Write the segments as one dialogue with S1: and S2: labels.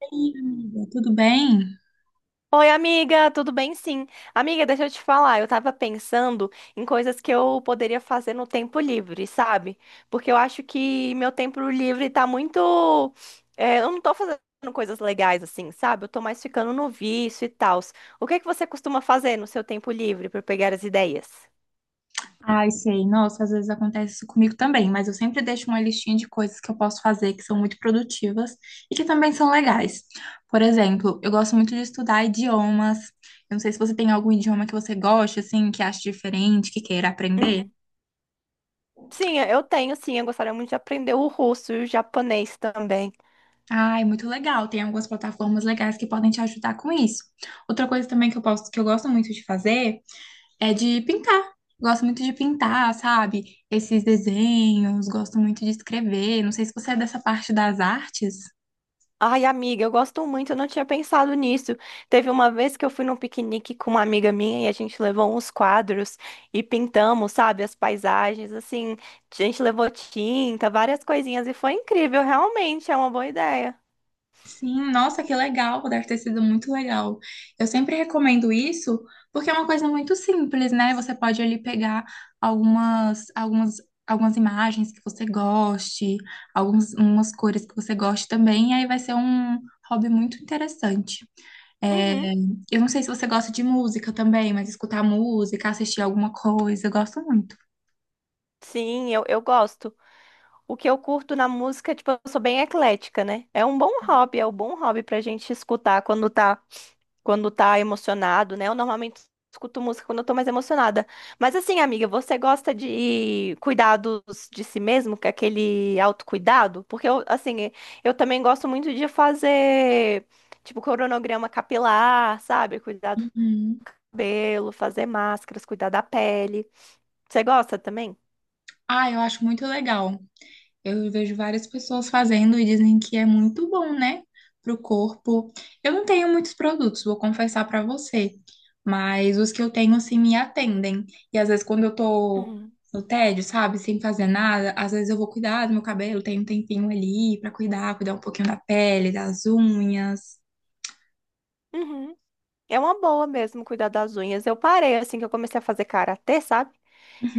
S1: Oi, amiga, tudo bem?
S2: Oi, amiga, tudo bem? Sim. Amiga, deixa eu te falar, eu tava pensando em coisas que eu poderia fazer no tempo livre, sabe? Porque eu acho que meu tempo livre tá muito. Eu não tô fazendo coisas legais assim, sabe? Eu tô mais ficando no vício e tal. O que é que você costuma fazer no seu tempo livre pra eu pegar as ideias?
S1: Ai, sei. Nossa, às vezes acontece isso comigo também, mas eu sempre deixo uma listinha de coisas que eu posso fazer que são muito produtivas e que também são legais. Por exemplo, eu gosto muito de estudar idiomas. Eu não sei se você tem algum idioma que você gosta, assim, que acha diferente, que queira aprender.
S2: Uhum. Sim, eu tenho, sim. Eu gostaria muito de aprender o russo e o japonês também.
S1: Ai, muito legal. Tem algumas plataformas legais que podem te ajudar com isso. Outra coisa também que eu posso, que eu gosto muito de fazer é de pintar. Gosto muito de pintar, sabe? Esses desenhos, gosto muito de escrever. Não sei se você é dessa parte das artes.
S2: Ai, amiga, eu gosto muito, eu não tinha pensado nisso. Teve uma vez que eu fui num piquenique com uma amiga minha e a gente levou uns quadros e pintamos, sabe, as paisagens, assim, a gente levou tinta, várias coisinhas e foi incrível, realmente, é uma boa ideia.
S1: Sim, nossa, que legal, deve ter sido muito legal. Eu sempre recomendo isso porque é uma coisa muito simples, né? Você pode ali pegar algumas, algumas, algumas imagens que você goste, algumas umas cores que você goste também, e aí vai ser um hobby muito interessante. É,
S2: Uhum.
S1: eu não sei se você gosta de música também, mas escutar música, assistir alguma coisa, eu gosto muito.
S2: Sim, eu gosto. O que eu curto na música, tipo, eu sou bem eclética, né? É um bom hobby, é um bom hobby pra gente escutar quando tá emocionado, né? Eu normalmente escuto música quando eu tô mais emocionada. Mas assim, amiga, você gosta de cuidados de si mesmo, que é aquele autocuidado? Porque eu, assim, eu também gosto muito de fazer, tipo, cronograma capilar, sabe? Cuidar do
S1: Uhum.
S2: cabelo, fazer máscaras, cuidar da pele. Você gosta também?
S1: Ah, eu acho muito legal. Eu vejo várias pessoas fazendo e dizem que é muito bom, né? Pro corpo. Eu não tenho muitos produtos, vou confessar pra você, mas os que eu tenho assim me atendem. E às vezes quando eu tô
S2: Uhum.
S1: no tédio, sabe, sem fazer nada, às vezes eu vou cuidar do meu cabelo, tenho um tempinho ali pra cuidar, cuidar um pouquinho da pele, das unhas.
S2: Uhum. É uma boa mesmo cuidar das unhas. Eu parei assim que eu comecei a fazer karatê, sabe?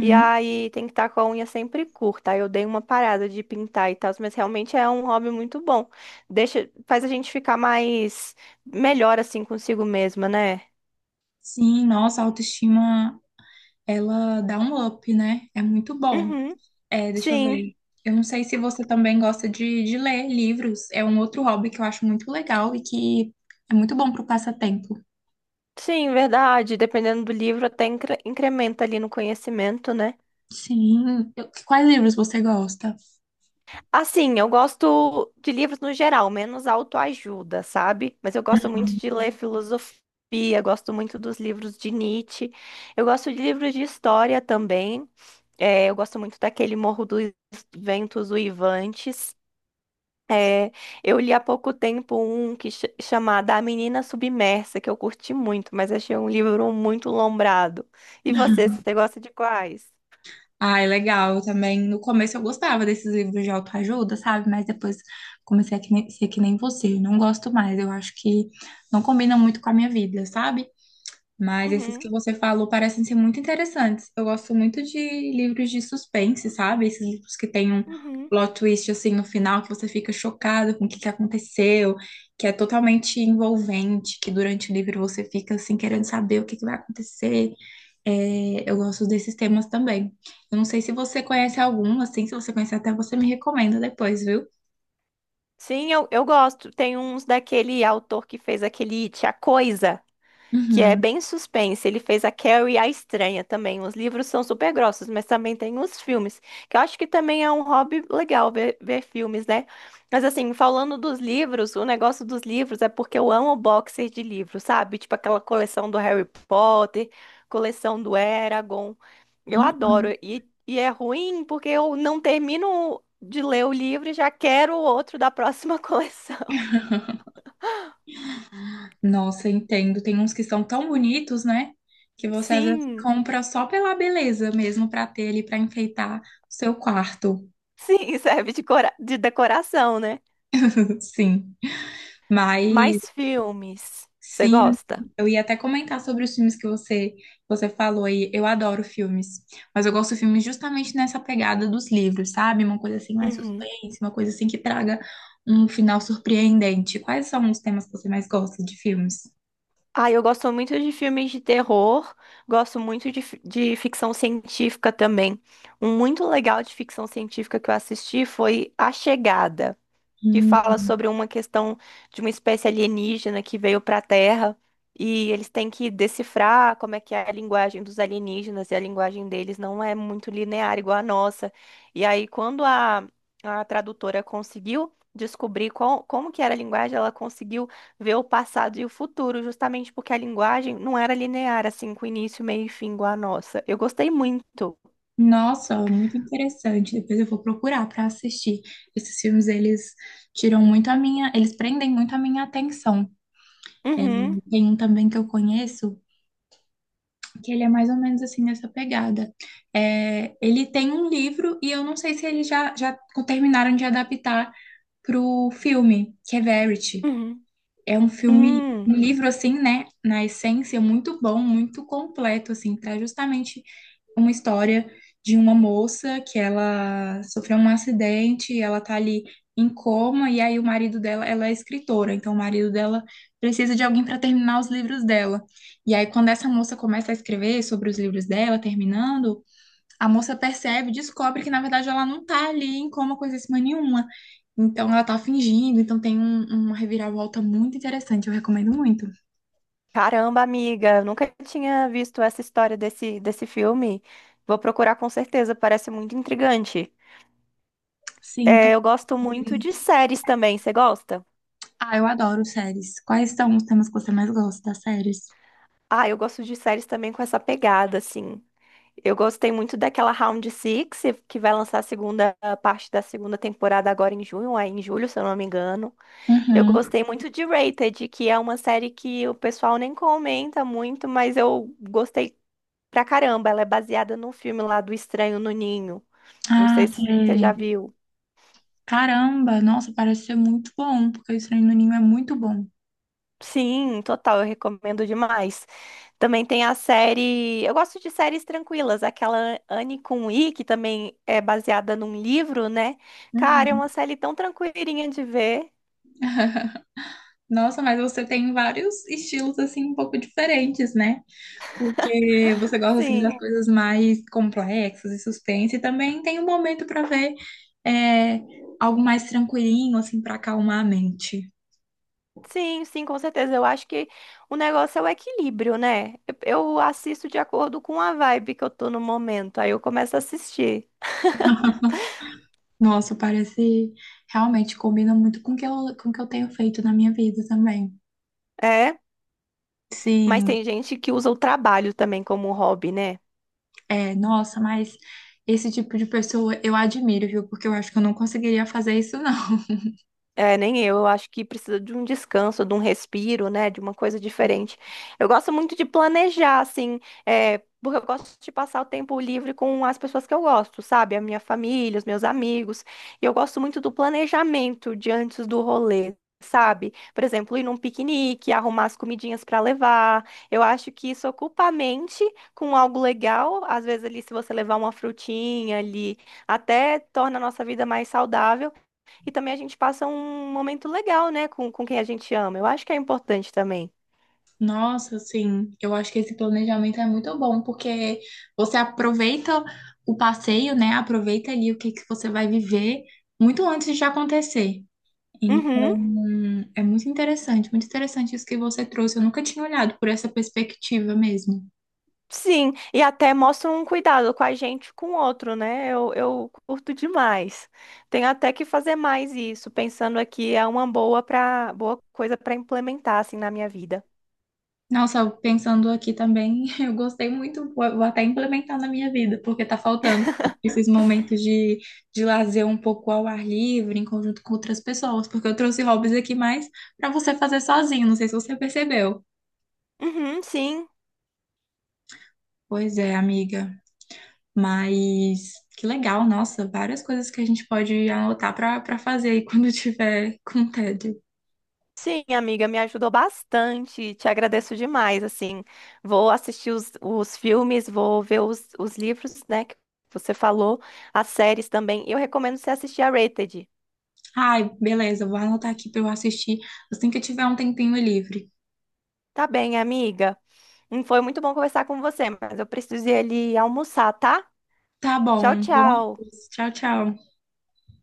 S2: E aí tem que estar com a unha sempre curta. Aí eu dei uma parada de pintar e tal, mas realmente é um hobby muito bom. Deixa, faz a gente ficar mais melhor assim consigo mesma, né?
S1: Sim, nossa, a autoestima, ela dá um up, né? É muito bom.
S2: Uhum.
S1: É, deixa eu
S2: Sim,
S1: ver. Eu não sei se você também gosta de ler livros. É um outro hobby que eu acho muito legal e que é muito bom para o passatempo.
S2: sim, verdade. Dependendo do livro, até incrementa ali no conhecimento, né?
S1: Sim. Quais livros você gosta?
S2: Assim, eu gosto de livros no geral, menos autoajuda, sabe? Mas eu gosto muito de ler filosofia, gosto muito dos livros de Nietzsche. Eu gosto de livros de história também. É, eu gosto muito daquele Morro dos Ventos Uivantes. É, eu li há pouco tempo um que ch chamado A Menina Submersa, que eu curti muito, mas achei um livro muito lombrado. E você gosta de quais?
S1: Ah, é legal. Eu também, no começo eu gostava desses livros de autoajuda, sabe? Mas depois comecei a que nem- ser que nem você. Eu não gosto mais. Eu acho que não combina muito com a minha vida, sabe? Mas esses que
S2: Uhum,
S1: você falou parecem ser muito interessantes. Eu gosto muito de livros de suspense, sabe? Esses livros que tem um
S2: uhum.
S1: plot twist assim no final, que você fica chocado com o que que aconteceu, que é totalmente envolvente, que durante o livro você fica assim querendo saber o que que vai acontecer. É, eu gosto desses temas também. Eu não sei se você conhece algum, assim, se você conhecer até você me recomenda depois, viu?
S2: Sim, eu gosto. Tem uns daquele autor que fez aquele It, A Coisa, que é
S1: Uhum.
S2: bem suspense. Ele fez a Carrie a Estranha também. Os livros são super grossos, mas também tem os filmes, que eu acho que também é um hobby legal ver, ver filmes, né? Mas assim, falando dos livros, o negócio dos livros é porque eu amo boxer de livros, sabe? Tipo aquela coleção do Harry Potter, coleção do Eragon. Eu adoro.
S1: Uhum.
S2: E, é ruim porque eu não termino de ler o livro e já quero o outro da próxima coleção.
S1: Nossa, entendo. Tem uns que são tão bonitos, né? Que você às vezes
S2: Sim,
S1: compra só pela beleza mesmo para ter ali para enfeitar o seu quarto.
S2: sim, serve de decoração, né?
S1: Sim. Mas
S2: Mais filmes. Você
S1: sim,
S2: gosta?
S1: eu ia até comentar sobre os filmes que você falou aí. Eu adoro filmes, mas eu gosto de filmes justamente nessa pegada dos livros, sabe? Uma coisa assim mais
S2: Uhum.
S1: suspense, uma coisa assim que traga um final surpreendente. Quais são os temas que você mais gosta de filmes?
S2: Ah, eu gosto muito de filmes de terror, gosto muito de ficção científica também. Um muito legal de ficção científica que eu assisti foi A Chegada, que fala sobre uma questão de uma espécie alienígena que veio para a Terra e eles têm que decifrar como é que é a linguagem dos alienígenas e a linguagem deles não é muito linear igual a nossa. E aí, quando a tradutora conseguiu descobrir qual, como que era a linguagem, ela conseguiu ver o passado e o futuro, justamente porque a linguagem não era linear, assim, com início, meio e fim igual a nossa. Eu gostei muito.
S1: Nossa, muito interessante. Depois eu vou procurar para assistir. Esses filmes, eles tiram muito a minha, eles prendem muito a minha atenção.
S2: Uhum,
S1: Tem um também que eu conheço, que ele é mais ou menos assim nessa pegada. É, ele tem um livro e eu não sei se eles já terminaram de adaptar para o filme, que é Verity.
S2: uhum.
S1: É um filme, um
S2: Hum.
S1: livro assim, né, na essência, muito bom, muito completo, assim, para justamente uma história de uma moça que ela sofreu um acidente, ela tá ali em coma, e aí o marido dela, ela é escritora, então o marido dela precisa de alguém para terminar os livros dela. E aí, quando essa moça começa a escrever sobre os livros dela, terminando, a moça percebe, descobre que na verdade ela não tá ali em coma coisa assim nenhuma. Então ela tá fingindo, então tem uma reviravolta muito interessante, eu recomendo muito.
S2: Caramba, amiga, eu nunca tinha visto essa história desse filme. Vou procurar com certeza, parece muito intrigante.
S1: Sim, então.
S2: É, eu gosto muito de séries também, você gosta?
S1: Ah, eu adoro séries. Quais são os temas que você mais gosta das séries?
S2: Ah, eu gosto de séries também com essa pegada, assim. Eu gostei muito daquela Round Six, que vai lançar a segunda, a parte da segunda temporada agora em junho, aí em julho, se eu não me engano. Eu
S1: Uhum.
S2: gostei muito de Rated, que é uma série que o pessoal nem comenta muito, mas eu gostei pra caramba. Ela é baseada num filme lá do Estranho no Ninho. Não
S1: Ah,
S2: sei se você já
S1: sei.
S2: viu.
S1: Caramba, nossa, parece ser muito bom, porque o estranho no ninho é muito bom.
S2: Sim, total, eu recomendo demais. Também tem a série. Eu gosto de séries tranquilas, aquela Anne com I, que também é baseada num livro, né? Cara, é uma
S1: Uhum.
S2: série tão tranquilinha de ver.
S1: Nossa, mas você tem vários estilos assim um pouco diferentes, né? Porque você gosta assim das
S2: Sim,
S1: coisas mais complexas e suspense, e também tem um momento para ver é, algo mais tranquilinho assim para acalmar a mente.
S2: sim, sim, com certeza. Eu acho que o negócio é o equilíbrio, né? Eu assisto de acordo com a vibe que eu tô no momento, aí eu começo a assistir.
S1: Nossa, parece realmente combina muito com o que eu, com o que eu tenho feito na minha vida também.
S2: É, mas
S1: Sim.
S2: tem gente que usa o trabalho também como hobby, né?
S1: É, nossa, mas esse tipo de pessoa eu admiro, viu? Porque eu acho que eu não conseguiria fazer isso, não.
S2: É, nem eu, eu acho que precisa de um descanso, de um respiro, né, de uma coisa diferente. Eu gosto muito de planejar, assim, é, porque eu gosto de passar o tempo livre com as pessoas que eu gosto, sabe? A minha família, os meus amigos. E eu gosto muito do planejamento de antes do rolê. Sabe? Por exemplo, ir num piquenique, arrumar as comidinhas para levar. Eu acho que isso ocupa a mente com algo legal. Às vezes, ali, se você levar uma frutinha ali, até torna a nossa vida mais saudável. E também a gente passa um momento legal, né, com quem a gente ama. Eu acho que é importante também.
S1: Nossa, assim, eu acho que esse planejamento é muito bom, porque você aproveita o passeio, né? Aproveita ali o que que você vai viver muito antes de acontecer.
S2: Uhum,
S1: Então, é muito interessante isso que você trouxe. Eu nunca tinha olhado por essa perspectiva mesmo.
S2: sim. E até mostra um cuidado com a gente, com o outro, né? Eu curto demais. Tenho até que fazer mais isso, pensando aqui é uma boa coisa para implementar assim na minha vida.
S1: Nossa, pensando aqui também, eu gostei muito, vou até implementar na minha vida, porque tá faltando esses momentos de lazer um pouco ao ar livre, em conjunto com outras pessoas, porque eu trouxe hobbies aqui mais pra você fazer sozinho, não sei se você percebeu.
S2: Uhum, sim.
S1: Pois é, amiga, mas que legal, nossa, várias coisas que a gente pode anotar pra para fazer aí quando tiver com tédio.
S2: Sim, amiga, me ajudou bastante. Te agradeço demais. Assim, vou assistir os filmes, vou ver os livros, né, que você falou, as séries também. E eu recomendo você assistir a Rated.
S1: Ai, beleza, vou anotar aqui pra eu assistir assim que eu tiver um tempinho livre.
S2: Tá bem, amiga. Foi muito bom conversar com você, mas eu preciso ir ali almoçar, tá?
S1: Tá
S2: Tchau,
S1: bom, bom,
S2: tchau.
S1: tchau, tchau.